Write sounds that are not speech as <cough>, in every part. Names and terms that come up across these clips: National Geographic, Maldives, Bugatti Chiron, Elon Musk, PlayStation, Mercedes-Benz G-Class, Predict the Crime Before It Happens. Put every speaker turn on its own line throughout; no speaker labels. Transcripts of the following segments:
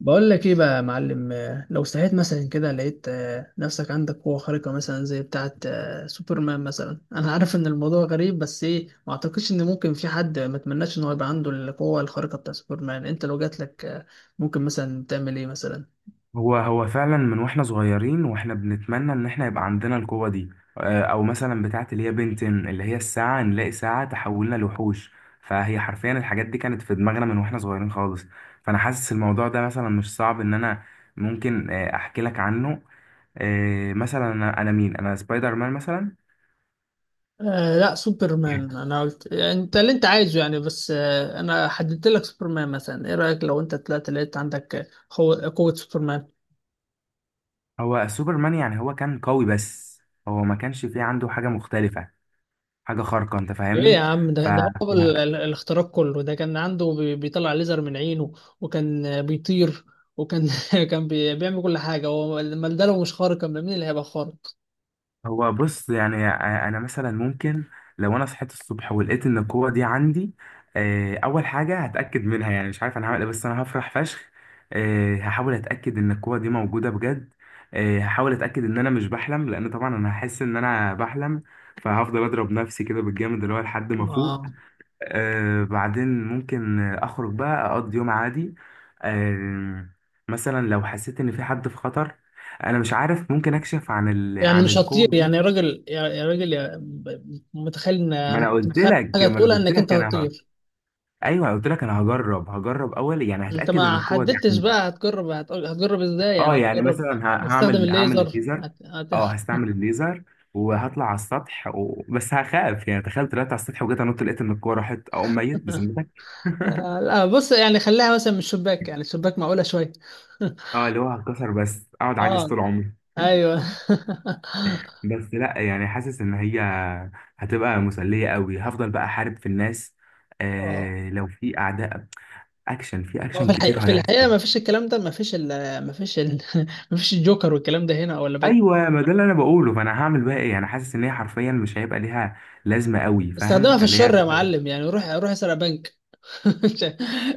بقول لك ايه بقى يا معلم، لو صحيت مثلا كده لقيت نفسك عندك قوة خارقة مثلا زي بتاعة سوبرمان مثلا. <laughs> انا عارف ان الموضوع غريب، بس ايه، ما اعتقدش ان ممكن في حد ما اتمناش ان هو يبقى عنده القوة الخارقة بتاع سوبرمان. انت لو جات لك ممكن مثلا تعمل ايه مثلا؟
هو فعلا من واحنا صغيرين، واحنا بنتمنى ان احنا يبقى عندنا القوة دي. او مثلا بتاعه اللي هي بنتن اللي هي الساعة، نلاقي ساعة تحولنا لوحوش. فهي حرفيا الحاجات دي كانت في دماغنا من واحنا صغيرين خالص. فانا حاسس الموضوع ده مثلا مش صعب ان انا ممكن احكي لك عنه. مثلا انا مين انا سبايدر مان مثلا.
لا، سوبرمان.
Yeah.
انا قلت يعني انت اللي انت عايزه يعني، بس انا حددت لك سوبرمان مثلا. ايه رأيك لو انت طلعت لقيت عندك قوة قوة سوبرمان؟
هو سوبرمان يعني هو كان قوي بس. هو ما كانش فيه عنده حاجة مختلفة، حاجة خارقة، انت
ايه يا
فاهمني؟
عم،
ف
ده هو الاختراق كله ده كان عنده. بيطلع ليزر من عينه، وكان بيطير، وكان <laughs> كان بيعمل كل حاجه. هو امال ده لو مش خارق، امال مين اللي هيبقى خارق؟
هو بص، يعني انا مثلا ممكن، لو انا صحيت الصبح ولقيت ان القوه دي عندي، اول حاجه هتاكد منها، يعني مش عارف انا هعمل ايه بس انا هفرح فشخ. هحاول اتاكد ان القوه دي موجوده بجد. هحاول اتاكد ان انا مش بحلم، لان طبعا انا هحس ان انا بحلم، فهفضل اضرب نفسي كده بالجامد اللي هو لحد ما افوق.
اه،
بعدين ممكن اخرج بقى اقضي يوم عادي. آه، مثلا لو حسيت ان في حد في خطر، انا مش عارف، ممكن اكشف عن
يعني
عن
مش هتطير
القوه دي.
يعني يا راجل؟ يا راجل، متخيل ان
ما
انا
انا
كنت
قلت
متخيل
لك
حاجه
ما انا
تقولها
قلت
انك انت
لك
هتطير.
ايوه، قلت لك انا هجرب اول، يعني
انت
هتاكد ان
ما
القوه دي
حددتش
عندي.
بقى، هتجرب ازاي؟ يعني
اه يعني
هتجرب.
مثلا
هتستخدم
هعمل
الليزر
الليزر. اه هستعمل الليزر وهطلع على السطح بس هخاف، يعني تخيل طلعت على السطح وجيت لقيت ان الكوره راحت اقوم ميت
<laughs>
بذمتك <laughs>
لا بص، يعني خليها مثلا من الشباك، يعني الشباك معقوله شويه. <laughs>
اه اللي هو هتكسر بس اقعد عاجز
اه.
طول عمري.
ايوه. <laughs>
بس لا، يعني حاسس ان هي هتبقى مسلية قوي، هفضل بقى احارب في الناس.
اه.
آه لو في اعداء، اكشن في
ما في
اكشن كتير
الحقيقة،
هيحصل.
ما فيش الكلام ده، ما فيش ال ما فيش ال <laughs> ما فيش الجوكر والكلام ده هنا ولا بد.
ايوه، ما ده اللي انا بقوله، فانا هعمل بقى ايه؟ انا حاسس ان هي حرفيا مش هيبقى ليها لازمه قوي،
استخدمها
فاهم
في
اللي
الشر
هي
يا
<laughs>
معلم، يعني روح روح اسرق بنك.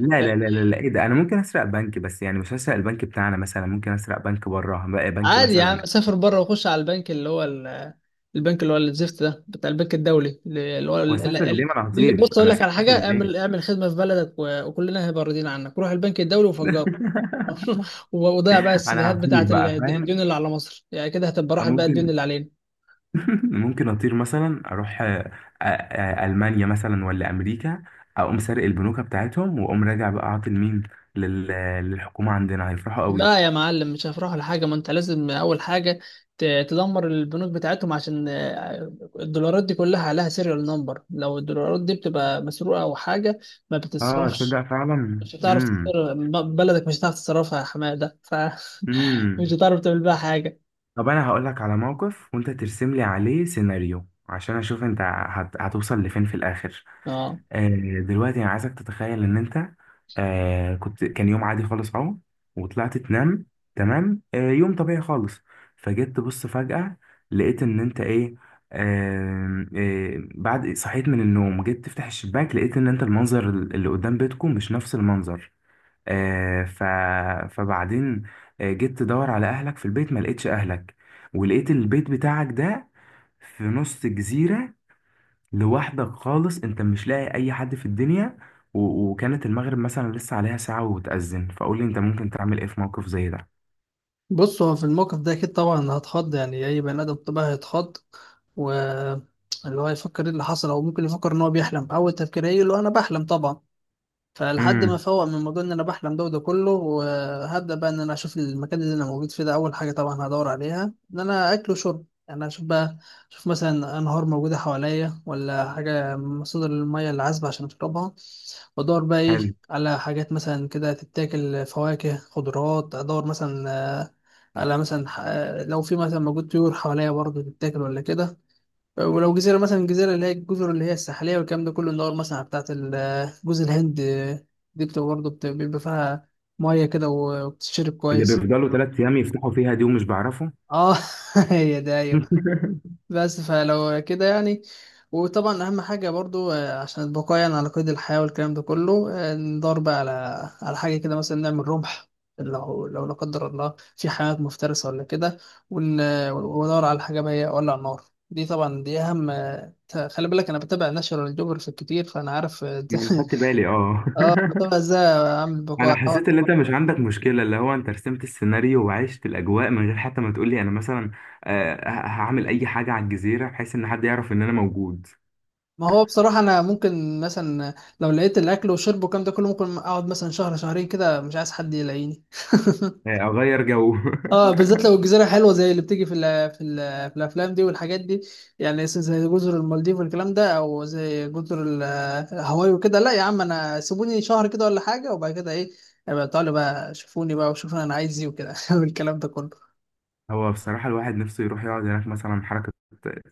لا لا لا لا لا، ايه ده، انا ممكن اسرق بنك، بس يعني مش هسرق البنك بتاعنا، مثلا ممكن اسرق بنك بره بقى، بنك
عادي يا عم،
مثلا.
سافر بره وخش على البنك البنك اللي هو الزفت ده بتاع البنك الدولي، اللي هو ال- ال-
واسافر ليه؟ ما
ال-
انا
اللي...
هطير،
بص اقول
انا
لك على
اسافر
حاجة،
ليه؟
اعمل خدمة في بلدك، وكلنا هيبقى راضيين عنك. روح البنك الدولي وفجره.
<laughs>
<laughs> وضيع بقى
انا
السيديهات
هطير
بتاعت
بقى،
الديون
فاهم؟
اللي على مصر، يعني كده هتبقى راحت بقى الديون
ممكن
اللي علينا.
<laughs> ممكن اطير مثلا اروح المانيا مثلا ولا امريكا، اقوم سارق البنوك بتاعتهم واقوم راجع بقى عاطي لمين، لل- للحكومه عندنا، هيفرحوا
لا
قوي.
يا معلم، مش هيفرحوا لحاجة. ما انت لازم اول حاجة تدمر البنوك بتاعتهم، عشان الدولارات دي كلها عليها سيريال نمبر. لو الدولارات دي بتبقى مسروقة او حاجة ما
اه
بتتصرفش.
تصدق فعلا.
مش هتعرف تصرف بلدك، مش هتعرف تصرفها يا حمادة. <laughs> فمش
امم
هتعرف تعمل بيها حاجة.
طب انا هقول لك على موقف وانت ترسم لي عليه سيناريو، عشان اشوف انت هتوصل لفين في الاخر.
اه
آه دلوقتي انا عايزك تتخيل ان انت، آه كنت، كان يوم عادي خالص اهو، وطلعت تنام. تمام؟ آه يوم طبيعي خالص، فجيت تبص فجأة لقيت ان انت ايه، آه آه بعد صحيت من النوم جيت تفتح الشباك لقيت ان انت المنظر اللي قدام بيتكم مش نفس المنظر. آه، ف... فبعدين جيت تدور على اهلك في البيت ما لقيتش اهلك، ولقيت البيت بتاعك ده في نص جزيرة، لوحدك خالص، انت مش لاقي اي حد في الدنيا، و... وكانت المغرب مثلا لسه عليها ساعة وتأذن، فقول لي انت ممكن تعمل ايه في موقف زي ده؟
بص، هو في الموقف ده اكيد طبعا هتخض، يعني اي بني ادم طبيعي هيتخض، و... اللي هو يفكر ايه اللي حصل، او ممكن يفكر ان هو بيحلم. اول تفكير هيجي اللي هو انا بحلم طبعا. فلحد ما
امم
فوق من موضوع ان انا بحلم ده وده كله، وهبدا بقى ان انا اشوف المكان اللي انا موجود فيه ده. اول حاجه طبعا هدور عليها ان انا اكل وشرب، يعني اشوف بقى. اشوف مثلا انهار موجوده حواليا ولا حاجه، مصادر الميه اللي عذبه عشان اشربها. وادور بقى
حلو.
ايه على حاجات مثلا كده تتاكل، فواكه خضروات، ادور مثلا آه، على مثلا لو في مثلا موجود طيور حواليا برضه تتاكل ولا كده. ولو جزيرة مثلا، الجزيرة اللي هي الجزر اللي هي الساحلية والكلام ده كله، اللي هو المصنع بتاعت جوز الهند، دي بتبقى برضه بيبقى فيها مية كده وبتشرب
اللي
كويس.
بيفضلوا ثلاث ايام يفتحوا فيها دي ومش بعرفه
اه. <laughs> هي ده، ايوه.
<laughs>
بس فلو كده يعني، وطبعا اهم حاجه برضو عشان البقاء يعني على قيد الحياه والكلام ده كله، ندور بقى على حاجه كده مثلا نعمل رمح، لو لا قدر الله في حيوانات مفترسه ولا كده. ون- وندور على حاجه بقى إيه، اولع نار. دي طبعا دي اهم خلي بالك انا بتابع ناشونال جيوغرافيك كتير، فانا عارف <laughs>
ما انا خدت بالي اه
اه بتابع
<laughs>
ازاي اعمل
انا
بقاء.
حسيت ان انت مش عندك مشكله، اللي هو انت رسمت السيناريو وعشت الاجواء من غير حتى ما تقولي انا مثلا هعمل اي حاجه على الجزيره بحيث ان حد يعرف ان انا موجود.
ما هو بصراحه انا ممكن مثلا لو لقيت الاكل والشرب والكلام ده كله، ممكن اقعد مثلا شهر شهرين كده مش عايز حد يلاقيني. <laughs>
اغير جو <laughs>
اه، بالذات لو الجزيره حلوه زي اللي بتيجي في ال في ال في الافلام دي والحاجات دي، يعني زي جزر المالديف والكلام ده، او زي جزر هاواي وكده. لا يا عم انا سيبوني شهر كده ولا حاجه، وبعد كده ايه، ابقى تعالوا بقى شوفوني بقى، وشوفوا انا عايز ايه وكده. <laughs> والكلام ده كله.
هو بصراحه الواحد نفسه يروح يقعد هناك مثلا حركه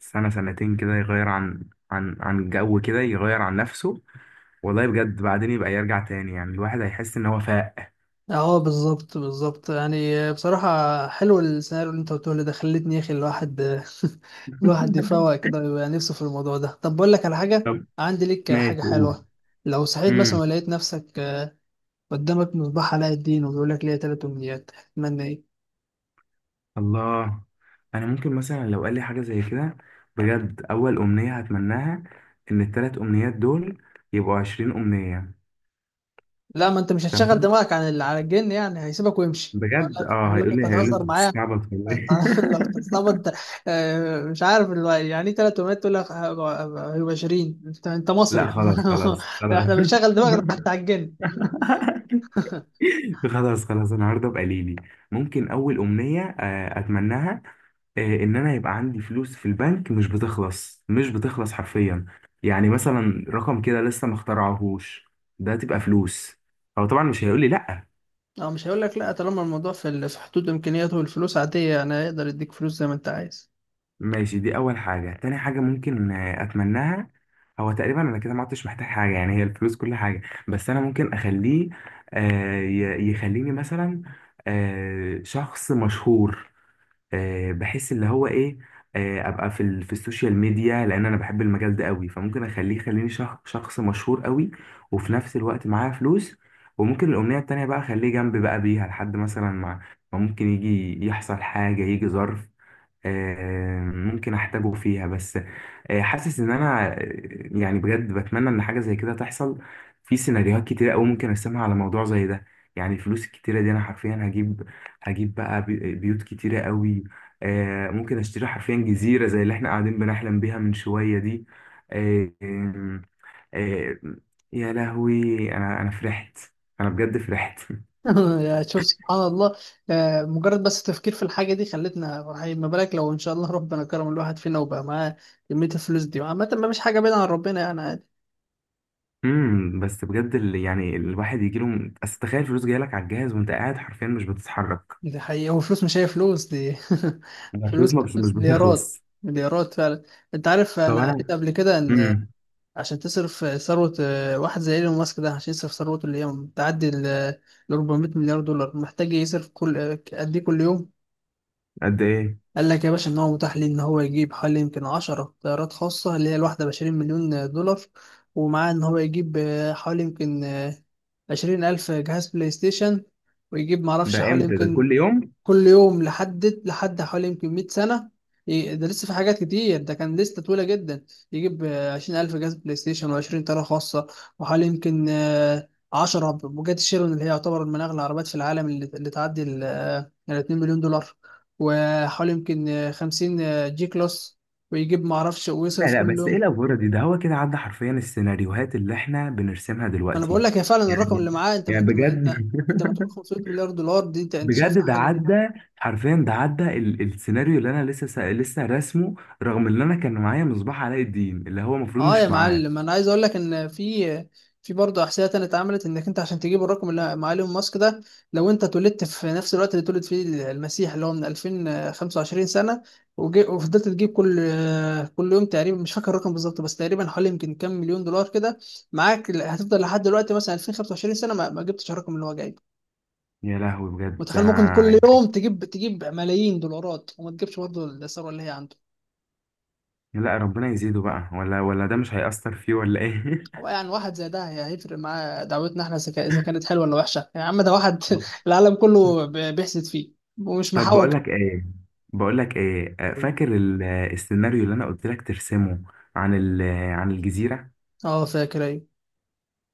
سنه سنتين كده، يغير عن الجو كده، يغير عن نفسه. والله بجد، بعدين يبقى يرجع تاني، يعني الواحد هيحس ان هو فاق
اه، بالظبط بالظبط يعني، بصراحه حلو السيناريو اللي انت قلته لي ده، خلتني يا اخي الواحد <laughs> الواحد يفوق
<laughs>
كده ويبقى نفسه في الموضوع ده. طب بقول لك على حاجه.
طب
عندي ليك
ماشي
حاجه
قول.
حلوه. لو صحيت مثلا
امم.
ولقيت نفسك قدامك مصباح علاء الدين وبيقول لك ليه تلات أمنيات، هتتمنى إيه؟
الله، انا ممكن مثلا لو قال لي حاجه زي كده، بجد اول امنيه هتمناها ان الثلاث امنيات دول يبقوا 20 امنيه.
لا، ما أنت مش هتشغل
تمام،
دماغك عن اللي على الجن، يعني هيسيبك ويمشي. هيقول
بجد
لك
اه
هيقول لك
هيقول لي
أنت
هيقول لي انت
هتهزر معايا؟
بتستعبط ولا ايه
أنت <laughs> لو بتتصاب أنت، مش عارف اللي يعني إيه، تلات أمنيات تقول لك هيبقى 20؟ أنت
<laughs> لا
مصري.
خلاص خلاص
<laughs>
خلاص
إحنا
<laughs>
بنشغل دماغنا حتى على الجن.
خلاص خلاص النهارده بقى ليلي، ممكن اول امنيه اتمناها ان انا يبقى عندي فلوس في البنك مش بتخلص، مش بتخلص حرفيا، يعني مثلا رقم كده لسه ما اخترعهوش، ده تبقى فلوس. هو طبعا مش هيقول لي لا.
أو مش هيقول لك لا طالما الموضوع في في حدود إمكانياته، والفلوس عادية أنا أقدر أديك فلوس زي ما أنت عايز.
ماشي، دي اول حاجه. تاني حاجه ممكن اتمناها، هو تقريبا انا كده ما عدتش محتاج حاجه يعني، هي الفلوس كل حاجه، بس انا ممكن اخليه يخليني مثلا شخص مشهور، بحس اللي هو ايه، ابقى في في السوشيال ميديا، لان انا بحب المجال ده قوي، فممكن اخليه يخليني شخص مشهور قوي، وفي نفس الوقت معايا فلوس. وممكن الامنيه التانيه بقى اخليه جنبي بقى بيها لحد مثلا ما، ما ممكن يجي يحصل حاجه، يجي ظرف ممكن احتاجه فيها. بس حاسس ان انا يعني بجد بتمنى ان حاجه زي كده تحصل. في سيناريوهات كتيره قوي ممكن ارسمها على موضوع زي ده. يعني الفلوس الكتيره دي انا حرفيا هجيب، بيوت كتيره قوي. ممكن اشتري حرفيا جزيره زي اللي احنا قاعدين بنحلم بيها من شويه دي. آه، آه، آه، يا لهوي، انا فرحت، انا بجد فرحت.
<laughs> يا شوف سبحان الله. مجرد بس التفكير في الحاجة دي خلتنا فرحين، ما بالك لو إن شاء الله ربنا كرم الواحد فينا وبقى معاه كمية الفلوس دي. عامة ما مش حاجة بعيدة عن ربنا، يعني عادي.
بس بجد اللي، يعني الواحد يجي له، اصل تخيل فلوس جايه لك على الجهاز وانت قاعد حرفيا مش بتتحرك،
دي حقيقة، والفلوس مش هي فلوس دي. <laughs>
الفلوس
فلوس
ما بت- مش
فلوس، مليارات
بتخلص.
مليارات فعلا. أنت عارف
طب
أنا قريت
انا
قبل كده إن
امم
عشان تصرف ثروة واحد زي إيلون ماسك ده، عشان يصرف ثروته اللي هي بتعدي ال 400 مليار دولار، محتاج يصرف كل قد إيه كل يوم؟
قد ايه؟
قال لك يا باشا ان هو متاح ليه ان هو يجيب حوالي يمكن 10 طيارات خاصه، اللي هي الواحده ب 20 مليون دولار، ومعاه ان هو يجيب حوالي يمكن 20,000 جهاز بلاي ستيشن، ويجيب
ده
معرفش حوالي
امتى؟ ده
يمكن،
كل يوم؟
كل يوم لحد حوالي يمكن 100 سنة. ده لسه في حاجات كتير، ده كان لسه طويلة جدا. يجيب 20,000 جهاز بلاي ستيشن، و20 طيارة خاصة، وحوالي يمكن 10 بوجات شيرون اللي هي يعتبر من أغلى العربيات في العالم، اللي تعدي ال الـ2 مليون دولار، وحوالي يمكن 50 جي كلاس، ويجيب معرفش،
لا
ويصرف
لا،
كل
بس ايه
يوم.
الافوره دي؟ ده هو كده عدى حرفيا السيناريوهات اللي احنا بنرسمها
أنا بقول
دلوقتي،
لك يا فعلا الرقم
يعني
اللي معاه، أنت ما- أنت ما- أنت
بجد
أنت بتقول
<laughs>
500 مليار دولار؟ دي أنت شايف
بجد ده
حاجة؟
عدى حرفيا، ده عدى السيناريو اللي انا لسه لسه راسمه، رغم ان انا كان معايا مصباح علاء الدين اللي هو المفروض
اه يا
مش معاه.
معلم، انا عايز اقول لك ان في برضه احصائيه تانية اتعملت، انك انت عشان تجيب الرقم اللي مع ايلون ماسك ده، لو انت اتولدت في نفس الوقت اللي اتولد فيه المسيح، اللي هو من 2025 سنه، وفضلت تجيب كل يوم تقريبا، مش فاكر الرقم بالظبط بس تقريبا حوالي يمكن كام مليون دولار كده معاك، هتفضل لحد دلوقتي مثلا 2025 سنه ما جبتش الرقم اللي هو جايبه.
يا لهوي بجد
متخيل ممكن كل
انا.
يوم تجيب ملايين دولارات وما تجيبش برضه الثروه اللي هي عنده.
لا، ربنا يزيده بقى، ولا ده مش هيأثر فيه ولا ايه
هو يعني واحد زي ده هيفرق معاه دعوتنا احنا اذا كانت حلوه ولا وحشه؟ يعني يا عم ده واحد <laughs>
<laughs>
العالم كله بيحسد فيه ومش
طب
محوج.
بقول لك ايه، بقول لك ايه فاكر السيناريو اللي انا قلت لك ترسمه عن عن الجزيرة؟
اه فاكر، ايوه.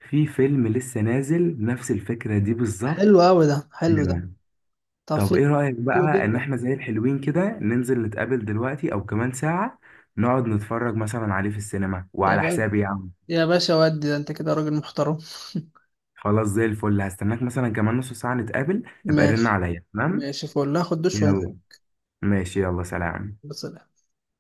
في فيلم لسه نازل نفس الفكرة دي بالظبط.
حلو قوي ده، حلو ده.
نعم.
طب
طب ايه
فيلم.
رأيك
حلو
بقى ان
جدا
احنا زي الحلوين كده ننزل نتقابل دلوقتي او كمان ساعة، نقعد نتفرج مثلا عليه في السينما،
يا
وعلى
باشا.
حسابي يا عم.
ودي ده انت كده راجل محترم.
خلاص زي الفل، هستناك مثلا كمان نص ساعة نتقابل،
<laughs>
ابقى رن
ماشي.
عليا، تمام؟
ماشي فول، هاخد دش وانزل.
يلا، ماشي، يلا سلام.
بس